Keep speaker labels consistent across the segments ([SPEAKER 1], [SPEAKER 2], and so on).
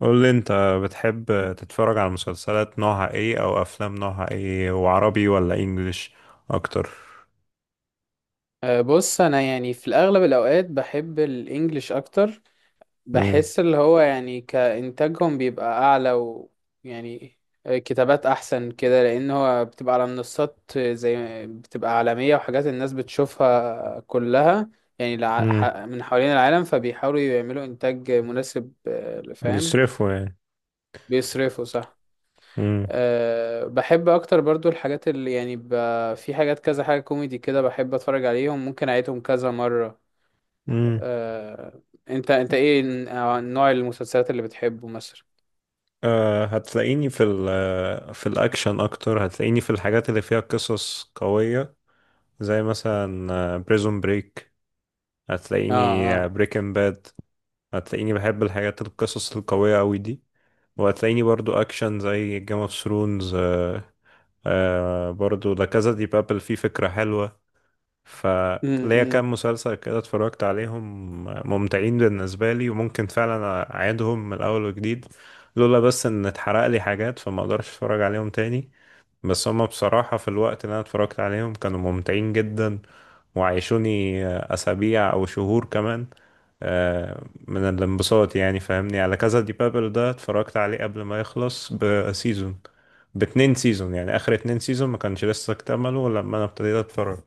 [SPEAKER 1] قول لي انت بتحب تتفرج على مسلسلات نوعها ايه او افلام نوعها ايه وعربي ولا انجليش اكتر.
[SPEAKER 2] بص انا يعني في الاغلب الاوقات بحب الانجليش اكتر.
[SPEAKER 1] امم
[SPEAKER 2] بحس اللي هو يعني كانتاجهم بيبقى اعلى، ويعني كتابات احسن كده، لان هو بتبقى على منصات زي بتبقى عالمية، وحاجات الناس بتشوفها كلها، يعني
[SPEAKER 1] امم
[SPEAKER 2] من حوالين العالم، فبيحاولوا يعملوا انتاج مناسب. فاهم.
[SPEAKER 1] بيصرفوا يعني.
[SPEAKER 2] بيصرفوا صح.
[SPEAKER 1] امم
[SPEAKER 2] بحب اكتر برضو الحاجات اللي يعني في حاجات كذا، حاجة كوميدي كده بحب اتفرج عليهم، ممكن اعيدهم كذا مرة.
[SPEAKER 1] امم
[SPEAKER 2] آه، انت ايه نوع المسلسلات اللي بتحبه مثلا؟
[SPEAKER 1] أه هتلاقيني في ال في الاكشن اكتر، هتلاقيني في الحاجات اللي فيها قصص قوية، زي مثلا بريزون بريك،
[SPEAKER 2] اه،
[SPEAKER 1] هتلاقيني
[SPEAKER 2] اه.
[SPEAKER 1] بريكن باد، هتلاقيني بحب الحاجات القصص القوية قوي دي، وهتلاقيني برضو اكشن زي جيم اوف ثرونز. آه، برضو لا كازا دي بابل فيه فكرة حلوة. فليا
[SPEAKER 2] امم.
[SPEAKER 1] كام مسلسل كده اتفرجت عليهم، ممتعين بالنسبة لي وممكن فعلا أعيدهم من الأول وجديد، لولا بس إن اتحرق لي حاجات، فما أقدرش أتفرج عليهم تاني. بس هما بصراحة في الوقت اللي أنا اتفرجت عليهم كانوا ممتعين جدا، وعيشوني أسابيع أو شهور كمان آه، من الانبساط، يعني فاهمني. على كذا، دي بابل ده اتفرجت عليه قبل ما يخلص بسيزون، باتنين سيزون، يعني آخر اتنين سيزون ما كانش لسه اكتملوا لما أنا ابتديت أتفرج.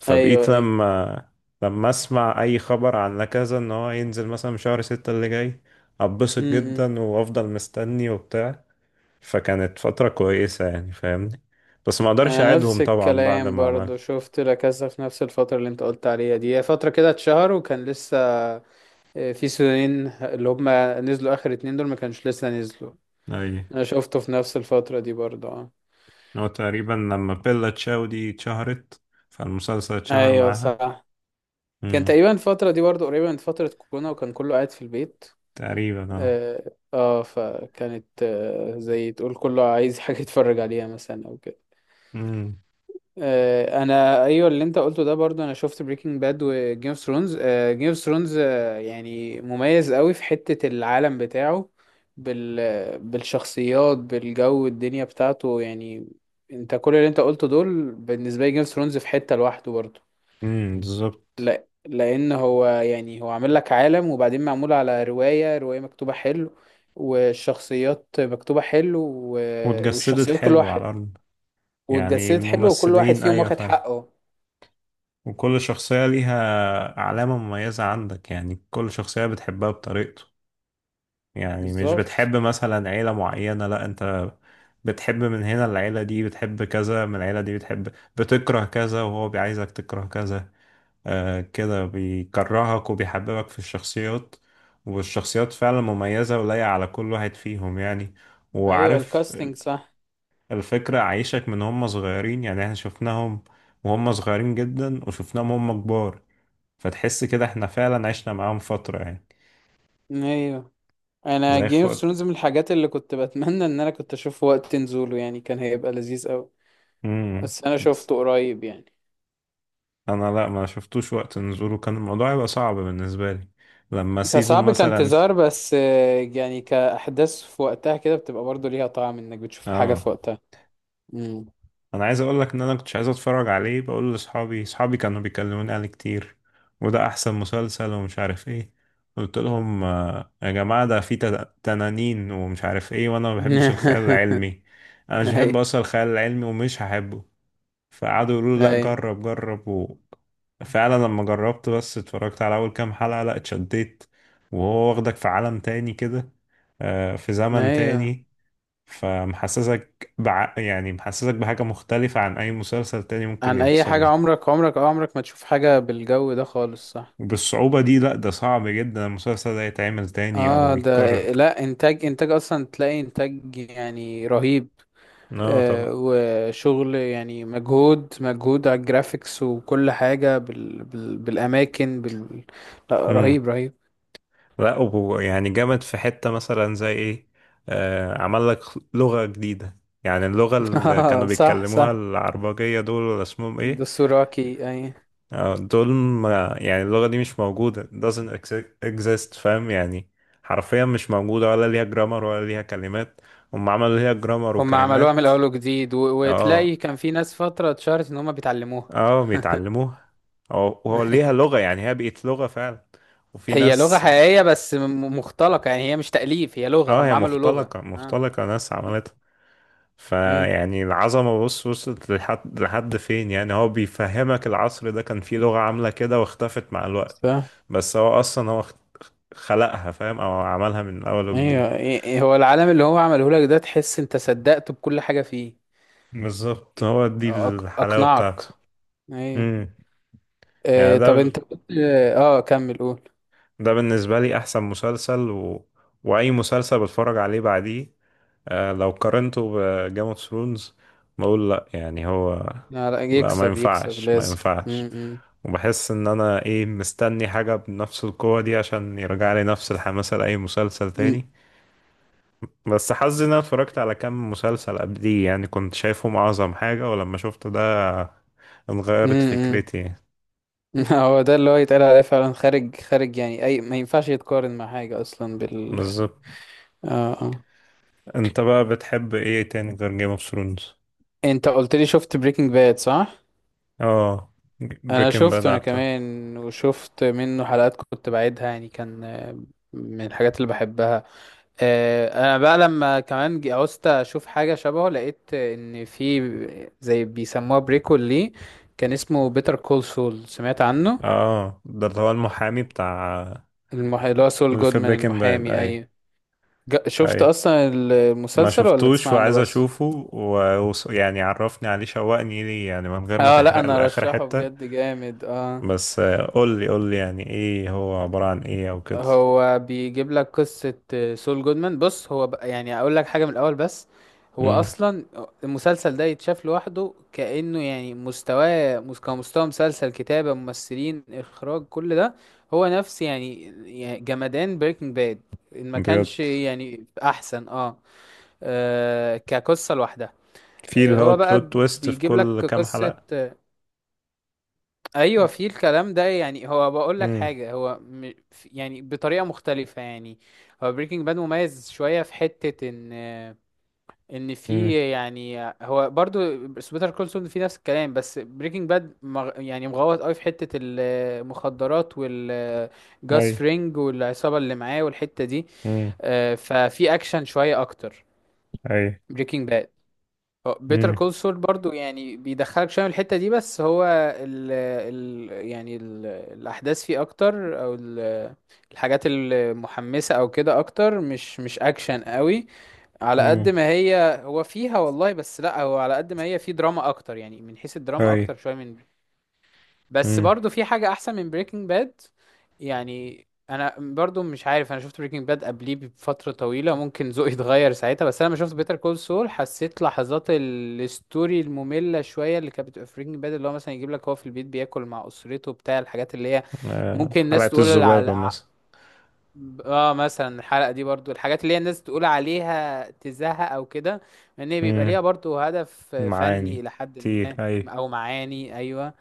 [SPEAKER 1] فبقيت
[SPEAKER 2] ايوه، ايوه.
[SPEAKER 1] لما لما أسمع أي خبر عن لكذا، إن هو ينزل مثلا شهر ستة اللي جاي، أتبسط
[SPEAKER 2] امم.
[SPEAKER 1] جدا وأفضل مستني وبتاع. فكانت فترة كويسة يعني فاهمني. بس ما اقدرش
[SPEAKER 2] انا
[SPEAKER 1] اعيدهم
[SPEAKER 2] نفس
[SPEAKER 1] طبعا بعد
[SPEAKER 2] الكلام،
[SPEAKER 1] ما عمل.
[SPEAKER 2] برضو شفت لا كاسا في نفس الفتره اللي انت قلت عليها دي، هي فتره كده اتشهر، وكان لسه في سيزونين اللي هما نزلوا اخر اتنين دول، ما كانش لسه نزلوا.
[SPEAKER 1] اي.
[SPEAKER 2] انا شفته في نفس الفتره دي برضو، اه.
[SPEAKER 1] هو تقريبا لما بيلا تشاو دي اتشهرت، فالمسلسل اتشهر
[SPEAKER 2] ايوه
[SPEAKER 1] معاها.
[SPEAKER 2] صح. كان
[SPEAKER 1] امم
[SPEAKER 2] تقريبا الفتره دي برضو قريبه من فتره كورونا، وكان كله قاعد في البيت.
[SPEAKER 1] تقريبا اه.
[SPEAKER 2] اه، فكانت زي تقول كله عايز حاجة يتفرج عليها مثلا او كده.
[SPEAKER 1] امم
[SPEAKER 2] انا ايوه، اللي انت قلته ده برضو، انا شفت بريكنج باد وجيم اوف ثرونز. جيم اوف ثرونز، يعني مميز قوي في حتة العالم بتاعه، بالشخصيات، بالجو، الدنيا بتاعته يعني. انت كل اللي انت قلته دول، بالنسبة لي جيم اوف ثرونز في حتة لوحده برضو.
[SPEAKER 1] بالظبط
[SPEAKER 2] لا لان هو يعني هو عامل لك عالم، وبعدين معمول على رواية مكتوبة حلو، والشخصيات مكتوبة حلو، و-
[SPEAKER 1] واتجسدت
[SPEAKER 2] والشخصيات كل
[SPEAKER 1] حلو على
[SPEAKER 2] واحد،
[SPEAKER 1] الارض، يعني
[SPEAKER 2] واتجسدت حلو، وكل واحد
[SPEAKER 1] الممثلين
[SPEAKER 2] فيهم
[SPEAKER 1] ايوه
[SPEAKER 2] واخد
[SPEAKER 1] فعلا.
[SPEAKER 2] حقه.
[SPEAKER 1] وكل شخصية ليها علامة مميزة عندك، يعني كل شخصية بتحبها بطريقته، يعني مش
[SPEAKER 2] بالظبط.
[SPEAKER 1] بتحب مثلا عيلة معينة، لا، انت بتحب من هنا، العيلة دي بتحب كذا، من العيلة دي بتحب بتكره كذا، وهو بيعايزك تكره كذا. آه، كده بيكرهك وبيحببك في الشخصيات. والشخصيات فعلا مميزة ولايقة على كل واحد فيهم يعني.
[SPEAKER 2] ايوه
[SPEAKER 1] وعارف
[SPEAKER 2] الكاستنج صح.
[SPEAKER 1] الفكرة، عايشك من هم صغيرين، يعني احنا شفناهم وهم صغيرين جدا وشفناهم هم كبار، فتحس كده احنا فعلا عشنا معاهم فترة يعني.
[SPEAKER 2] ايوه. انا
[SPEAKER 1] زي
[SPEAKER 2] جيم اوف
[SPEAKER 1] خد.
[SPEAKER 2] ثرونز من الحاجات اللي كنت بتمنى ان انا كنت اشوفه وقت نزوله، يعني كان هيبقى لذيذ قوي،
[SPEAKER 1] امم
[SPEAKER 2] بس انا شفته قريب يعني.
[SPEAKER 1] انا لا، ما شفتوش وقت نزوله كان الموضوع هيبقى صعب بالنسبه لي، لما سيزون
[SPEAKER 2] كصعب
[SPEAKER 1] مثلا.
[SPEAKER 2] كانتظار بس، يعني كأحداث في وقتها كده بتبقى برضه ليها طعم انك بتشوف الحاجة
[SPEAKER 1] اه،
[SPEAKER 2] في وقتها.
[SPEAKER 1] انا عايز اقول لك ان انا كنتش عايز اتفرج عليه، بقول لاصحابي، اصحابي كانوا بيكلموني عليه كتير، وده احسن مسلسل ومش عارف ايه. قلت لهم آه، يا جماعه ده فيه تنانين ومش عارف ايه، وانا ما بحبش الخيال العلمي، انا مش بحب
[SPEAKER 2] ايوه،
[SPEAKER 1] اصلا الخيال العلمي ومش هحبه. فقعدوا يقولوا لي لا
[SPEAKER 2] ايوه.
[SPEAKER 1] جرب جرب و... فعلا لما جربت بس اتفرجت على اول كام حلقة، لا اتشديت. وهو واخدك في عالم تاني كده، آه، في زمن
[SPEAKER 2] ايوه،
[SPEAKER 1] تاني. يعني محسسك بحاجة مختلفة عن اي مسلسل تاني ممكن
[SPEAKER 2] عن اي
[SPEAKER 1] يحصل
[SPEAKER 2] حاجه،
[SPEAKER 1] يعني.
[SPEAKER 2] عمرك ما تشوف حاجه بالجو ده خالص، صح.
[SPEAKER 1] وبالصعوبة دي، لا ده صعب جدا المسلسل ده يتعمل تاني او
[SPEAKER 2] اه ده،
[SPEAKER 1] يتكرر.
[SPEAKER 2] لا، انتاج، اصلا تلاقي انتاج يعني رهيب.
[SPEAKER 1] اه طبعا.
[SPEAKER 2] وشغل يعني مجهود، على الجرافيكس، وكل حاجه بالاماكن، لا
[SPEAKER 1] مم.
[SPEAKER 2] رهيب، رهيب.
[SPEAKER 1] لا وهو يعني جامد في حتة مثلا زي ايه، آه، عمل لك لغة جديدة. يعني اللغة اللي
[SPEAKER 2] آه
[SPEAKER 1] كانوا
[SPEAKER 2] صح،
[SPEAKER 1] بيتكلموها،
[SPEAKER 2] صح.
[SPEAKER 1] العربجية دول ولا اسمهم ايه،
[SPEAKER 2] دستوراكي اي.
[SPEAKER 1] آه دول، ما يعني اللغة دي مش موجودة doesn't exist، فاهم يعني. حرفيا مش موجودة، ولا ليها جرامر ولا ليها كلمات، هم عملوا ليها جرامر
[SPEAKER 2] هم عملوها من
[SPEAKER 1] وكلمات.
[SPEAKER 2] الاول وجديد،
[SPEAKER 1] اه
[SPEAKER 2] وتلاقي كان في ناس فتره اتشهرت ان هم بيتعلموها.
[SPEAKER 1] اه، بيتعلموها. وهو ليها لغة، يعني هي بقت لغة فعلا، وفي
[SPEAKER 2] هي لغة
[SPEAKER 1] ناس.
[SPEAKER 2] حقيقية، بس مختلقة، يعني هي مش تأليف، هي لغة،
[SPEAKER 1] اه،
[SPEAKER 2] هم
[SPEAKER 1] هي
[SPEAKER 2] عملوا لغة.
[SPEAKER 1] مختلقة
[SPEAKER 2] اه.
[SPEAKER 1] مختلقة، ناس عملتها.
[SPEAKER 2] ايه.
[SPEAKER 1] فيعني العظمة بص وصلت لحد لحد فين، يعني هو بيفهمك العصر ده كان فيه لغة عاملة كده واختفت مع الوقت.
[SPEAKER 2] ف
[SPEAKER 1] بس هو أصلا هو خلقها، فاهم، أو عملها من أول وجديد.
[SPEAKER 2] ايوه، إيه إيه، هو العالم اللي هو عمله لك ده تحس انت صدقته بكل حاجة فيه.
[SPEAKER 1] بالظبط، هو دي الحلاوة بتاعته.
[SPEAKER 2] اقنعك. ايوه.
[SPEAKER 1] امم يعني
[SPEAKER 2] إيه طب
[SPEAKER 1] ده،
[SPEAKER 2] انت كنت، اه كمل قول.
[SPEAKER 1] ده بالنسبة لي أحسن مسلسل و... وأي مسلسل بتفرج عليه بعديه، آه، لو قارنته بجيم اوف ثرونز، بقول لأ، يعني هو
[SPEAKER 2] لا، لا
[SPEAKER 1] لا ما
[SPEAKER 2] يكسب، يكسب
[SPEAKER 1] ينفعش ما
[SPEAKER 2] لازم.
[SPEAKER 1] ينفعش.
[SPEAKER 2] امم.
[SPEAKER 1] وبحس ان انا ايه مستني حاجة بنفس القوة دي عشان يرجع لي نفس الحماسة لأي مسلسل تاني. بس حظي ان انا اتفرجت على كام مسلسل قبليه، يعني كنت شايفهم اعظم حاجة، ولما شفت ده اتغيرت
[SPEAKER 2] امم.
[SPEAKER 1] فكرتي.
[SPEAKER 2] هو ده اللي هو يتقال عليه فعلا خارج، خارج، يعني اي ما ينفعش يتقارن مع حاجة اصلا
[SPEAKER 1] بالظبط.
[SPEAKER 2] اه اه.
[SPEAKER 1] انت بقى بتحب ايه تاني غير جيم اوف ثرونز؟
[SPEAKER 2] انت قلت لي شفت بريكنج باد، صح.
[SPEAKER 1] اه،
[SPEAKER 2] انا
[SPEAKER 1] بريكنج باد.
[SPEAKER 2] شفته انا كمان، وشفت منه حلقات كنت بعيدها، يعني كان من الحاجات اللي بحبها. انا بقى لما كمان عوزت اشوف حاجه شبهه، لقيت ان في زي بيسموها بريكول ليه، كان اسمه بيتر كول سول، سمعت عنه؟
[SPEAKER 1] اه، ده اللي هو المحامي بتاع،
[SPEAKER 2] اللي هو سول
[SPEAKER 1] اللي في
[SPEAKER 2] جودمان
[SPEAKER 1] بريكنج باد،
[SPEAKER 2] المحامي،
[SPEAKER 1] اي
[SPEAKER 2] اي. شفت
[SPEAKER 1] اي.
[SPEAKER 2] اصلا
[SPEAKER 1] ما
[SPEAKER 2] المسلسل ولا
[SPEAKER 1] شفتوش
[SPEAKER 2] تسمع عنه
[SPEAKER 1] وعايز
[SPEAKER 2] بس؟
[SPEAKER 1] اشوفه، ويعني عرفني عليه، شوقني ليه يعني من غير ما
[SPEAKER 2] اه، لا
[SPEAKER 1] تحرق
[SPEAKER 2] انا
[SPEAKER 1] لآخر
[SPEAKER 2] رشحه
[SPEAKER 1] حتة،
[SPEAKER 2] بجد جامد، اه.
[SPEAKER 1] بس آه، قول لي قول لي يعني ايه، هو عبارة عن ايه او كده.
[SPEAKER 2] هو بيجيب لك قصة. سول جودمان، بص، هو بقى يعني اقول لك حاجة من الاول بس، هو
[SPEAKER 1] امم
[SPEAKER 2] اصلا المسلسل ده يتشاف لوحده، كأنه يعني مستواه كمستوى مسلسل، كتابة، ممثلين، اخراج، كل ده هو نفس يعني، يعني جمدان بريكنج باد، ان ما كانش
[SPEAKER 1] بجد؟
[SPEAKER 2] يعني احسن، كقصة لوحدها.
[SPEAKER 1] في اللي هو
[SPEAKER 2] هو بقى
[SPEAKER 1] البلوت تويست في
[SPEAKER 2] بيجيب
[SPEAKER 1] كل
[SPEAKER 2] لك
[SPEAKER 1] كام
[SPEAKER 2] قصة.
[SPEAKER 1] حلقة.
[SPEAKER 2] ايوه في الكلام ده، يعني هو بقول لك
[SPEAKER 1] امم
[SPEAKER 2] حاجه، هو يعني بطريقه مختلفه يعني. هو بريكنج باد مميز شويه في حته ان، في
[SPEAKER 1] امم
[SPEAKER 2] يعني هو برضو بيتر كول سول في نفس الكلام، بس بريكنج باد يعني مغوط قوي في حته المخدرات
[SPEAKER 1] اي.
[SPEAKER 2] والجاس فرينج والعصابه اللي معاه والحته دي.
[SPEAKER 1] امم
[SPEAKER 2] ففي اكشن شويه اكتر
[SPEAKER 1] اي.
[SPEAKER 2] بريكنج باد. بيتر
[SPEAKER 1] امم
[SPEAKER 2] كول سول برضو يعني بيدخلك شويه من الحته دي، بس هو ال ال يعني ال الاحداث فيه اكتر، او الحاجات المحمسه او كده اكتر، مش اكشن قوي على قد
[SPEAKER 1] امم
[SPEAKER 2] ما هي فيها والله، بس لا هو على قد ما هي فيه دراما اكتر، يعني من حيث الدراما
[SPEAKER 1] اي.
[SPEAKER 2] اكتر شويه من، بس
[SPEAKER 1] امم
[SPEAKER 2] برضو في حاجة أحسن من بريكنج باد، يعني أنا برضو مش عارف، أنا شفت بريكنج باد قبليه بفترة طويلة، ممكن ذوقي اتغير ساعتها، بس أنا لما شفت بيتر كول سول حسيت لحظات الستوري المملة شوية اللي كانت بتبقى في بريكنج باد، اللي هو مثلا يجيب لك هو في البيت بياكل مع أسرته بتاع، الحاجات اللي هي
[SPEAKER 1] آه،
[SPEAKER 2] ممكن الناس
[SPEAKER 1] حلقة
[SPEAKER 2] تقول
[SPEAKER 1] الذبابة
[SPEAKER 2] على،
[SPEAKER 1] مثلا.
[SPEAKER 2] اه مثلا الحلقة دي برضو، الحاجات اللي هي الناس تقول عليها تزهق أو كده، لأن هي بيبقى
[SPEAKER 1] امم
[SPEAKER 2] ليها برضو هدف فني
[SPEAKER 1] معاني
[SPEAKER 2] إلى حد
[SPEAKER 1] كتير.
[SPEAKER 2] ما، أو معاني أيوه.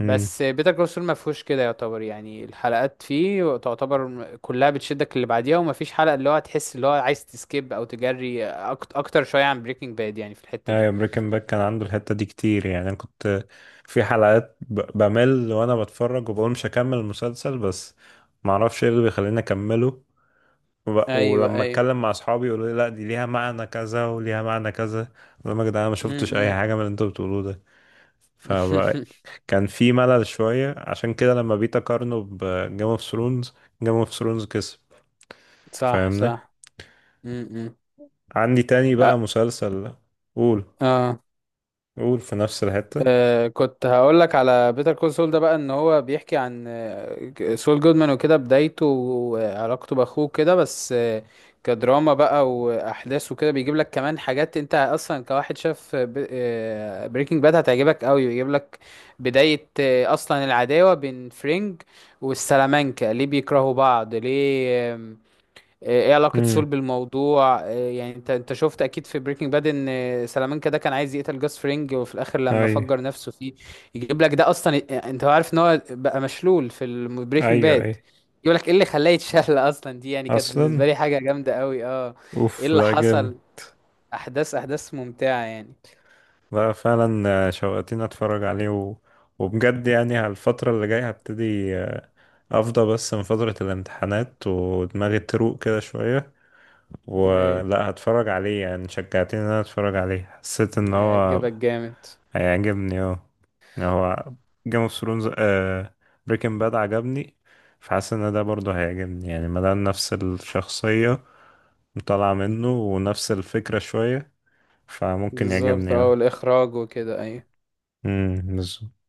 [SPEAKER 1] اي.
[SPEAKER 2] بيتر كول سول ما فيهوش كده، يعتبر يعني الحلقات فيه تعتبر كلها بتشدك اللي بعديها، وما فيش حلقة اللي هو تحس اللي هو عايز تسكيب او تجري، اكتر شوية عن بريكنج باد يعني في الحتة دي.
[SPEAKER 1] ايوه، بريكن باك كان عنده الحتة دي كتير، يعني انا كنت في حلقات بمل وانا بتفرج، وبقول مش هكمل المسلسل، بس معرفش ايه اللي بيخليني اكمله.
[SPEAKER 2] ايوه،
[SPEAKER 1] ولما
[SPEAKER 2] ايوه.
[SPEAKER 1] اتكلم مع اصحابي يقولوا لي لا دي ليها معنى كذا وليها معنى كذا، اقول لهم يا جدعان أنا ما شفتش اي
[SPEAKER 2] امم.
[SPEAKER 1] حاجة من اللي انتوا بتقولوه ده. فكان في ملل شوية، عشان كده لما بقيت اقارنه بجيم اوف ثرونز، جيم اوف ثرونز كسب.
[SPEAKER 2] صح،
[SPEAKER 1] فاهمني.
[SPEAKER 2] صح. امم.
[SPEAKER 1] عندي تاني بقى مسلسل. قول.
[SPEAKER 2] اه.
[SPEAKER 1] قول في نفس الحتة.
[SPEAKER 2] كنت هقول لك على بيتر كول سول ده بقى، ان هو بيحكي عن سول جودمان وكده بدايته وعلاقته باخوه كده، بس كدراما بقى واحداث وكده، بيجيب لك كمان حاجات انت اصلا كواحد شاف بريكنج باد هتعجبك قوي، بيجيب لك بداية اصلا العداوة بين فرينج والسلامانكا، ليه بيكرهوا بعض، ليه. ايه علاقة سول
[SPEAKER 1] امم
[SPEAKER 2] بالموضوع، إيه يعني انت، شفت اكيد في بريكنج باد ان سلامانكا ده كان عايز يقتل جاس فرينج، وفي الاخر لما
[SPEAKER 1] اي.
[SPEAKER 2] فجر نفسه فيه، يجيب لك ده اصلا، انت عارف ان هو بقى مشلول في بريكنج
[SPEAKER 1] ايوه.
[SPEAKER 2] باد،
[SPEAKER 1] اي.
[SPEAKER 2] يقول لك ايه اللي خلاه يتشل اصلا، دي يعني كانت
[SPEAKER 1] اصلا،
[SPEAKER 2] بالنسبة لي حاجة جامدة قوي، اه. ايه
[SPEAKER 1] اوف،
[SPEAKER 2] اللي
[SPEAKER 1] لا جامد.
[SPEAKER 2] حصل، احداث، احداث ممتعة يعني.
[SPEAKER 1] لا فعلا، آه، شوقتني اتفرج عليه و... وبجد يعني على الفترة اللي جاية هبتدي آه، افضى بس من فترة الامتحانات ودماغي تروق كده شوية،
[SPEAKER 2] ايوه
[SPEAKER 1] ولا هتفرج عليه. يعني شجعتني ان انا اتفرج عليه، حسيت ان هو
[SPEAKER 2] هيعجبك جامد.
[SPEAKER 1] هيعجبني اه. يعني هو جيم اوف ثرونز، بريكنج باد عجبني، فحاسس ان ده برضه هيعجبني، يعني مادام نفس الشخصية طالعة منه ونفس الفكرة شوية، فممكن
[SPEAKER 2] بالظبط،
[SPEAKER 1] يعجبني
[SPEAKER 2] اه،
[SPEAKER 1] اه.
[SPEAKER 2] والاخراج وكده ايوه.
[SPEAKER 1] امم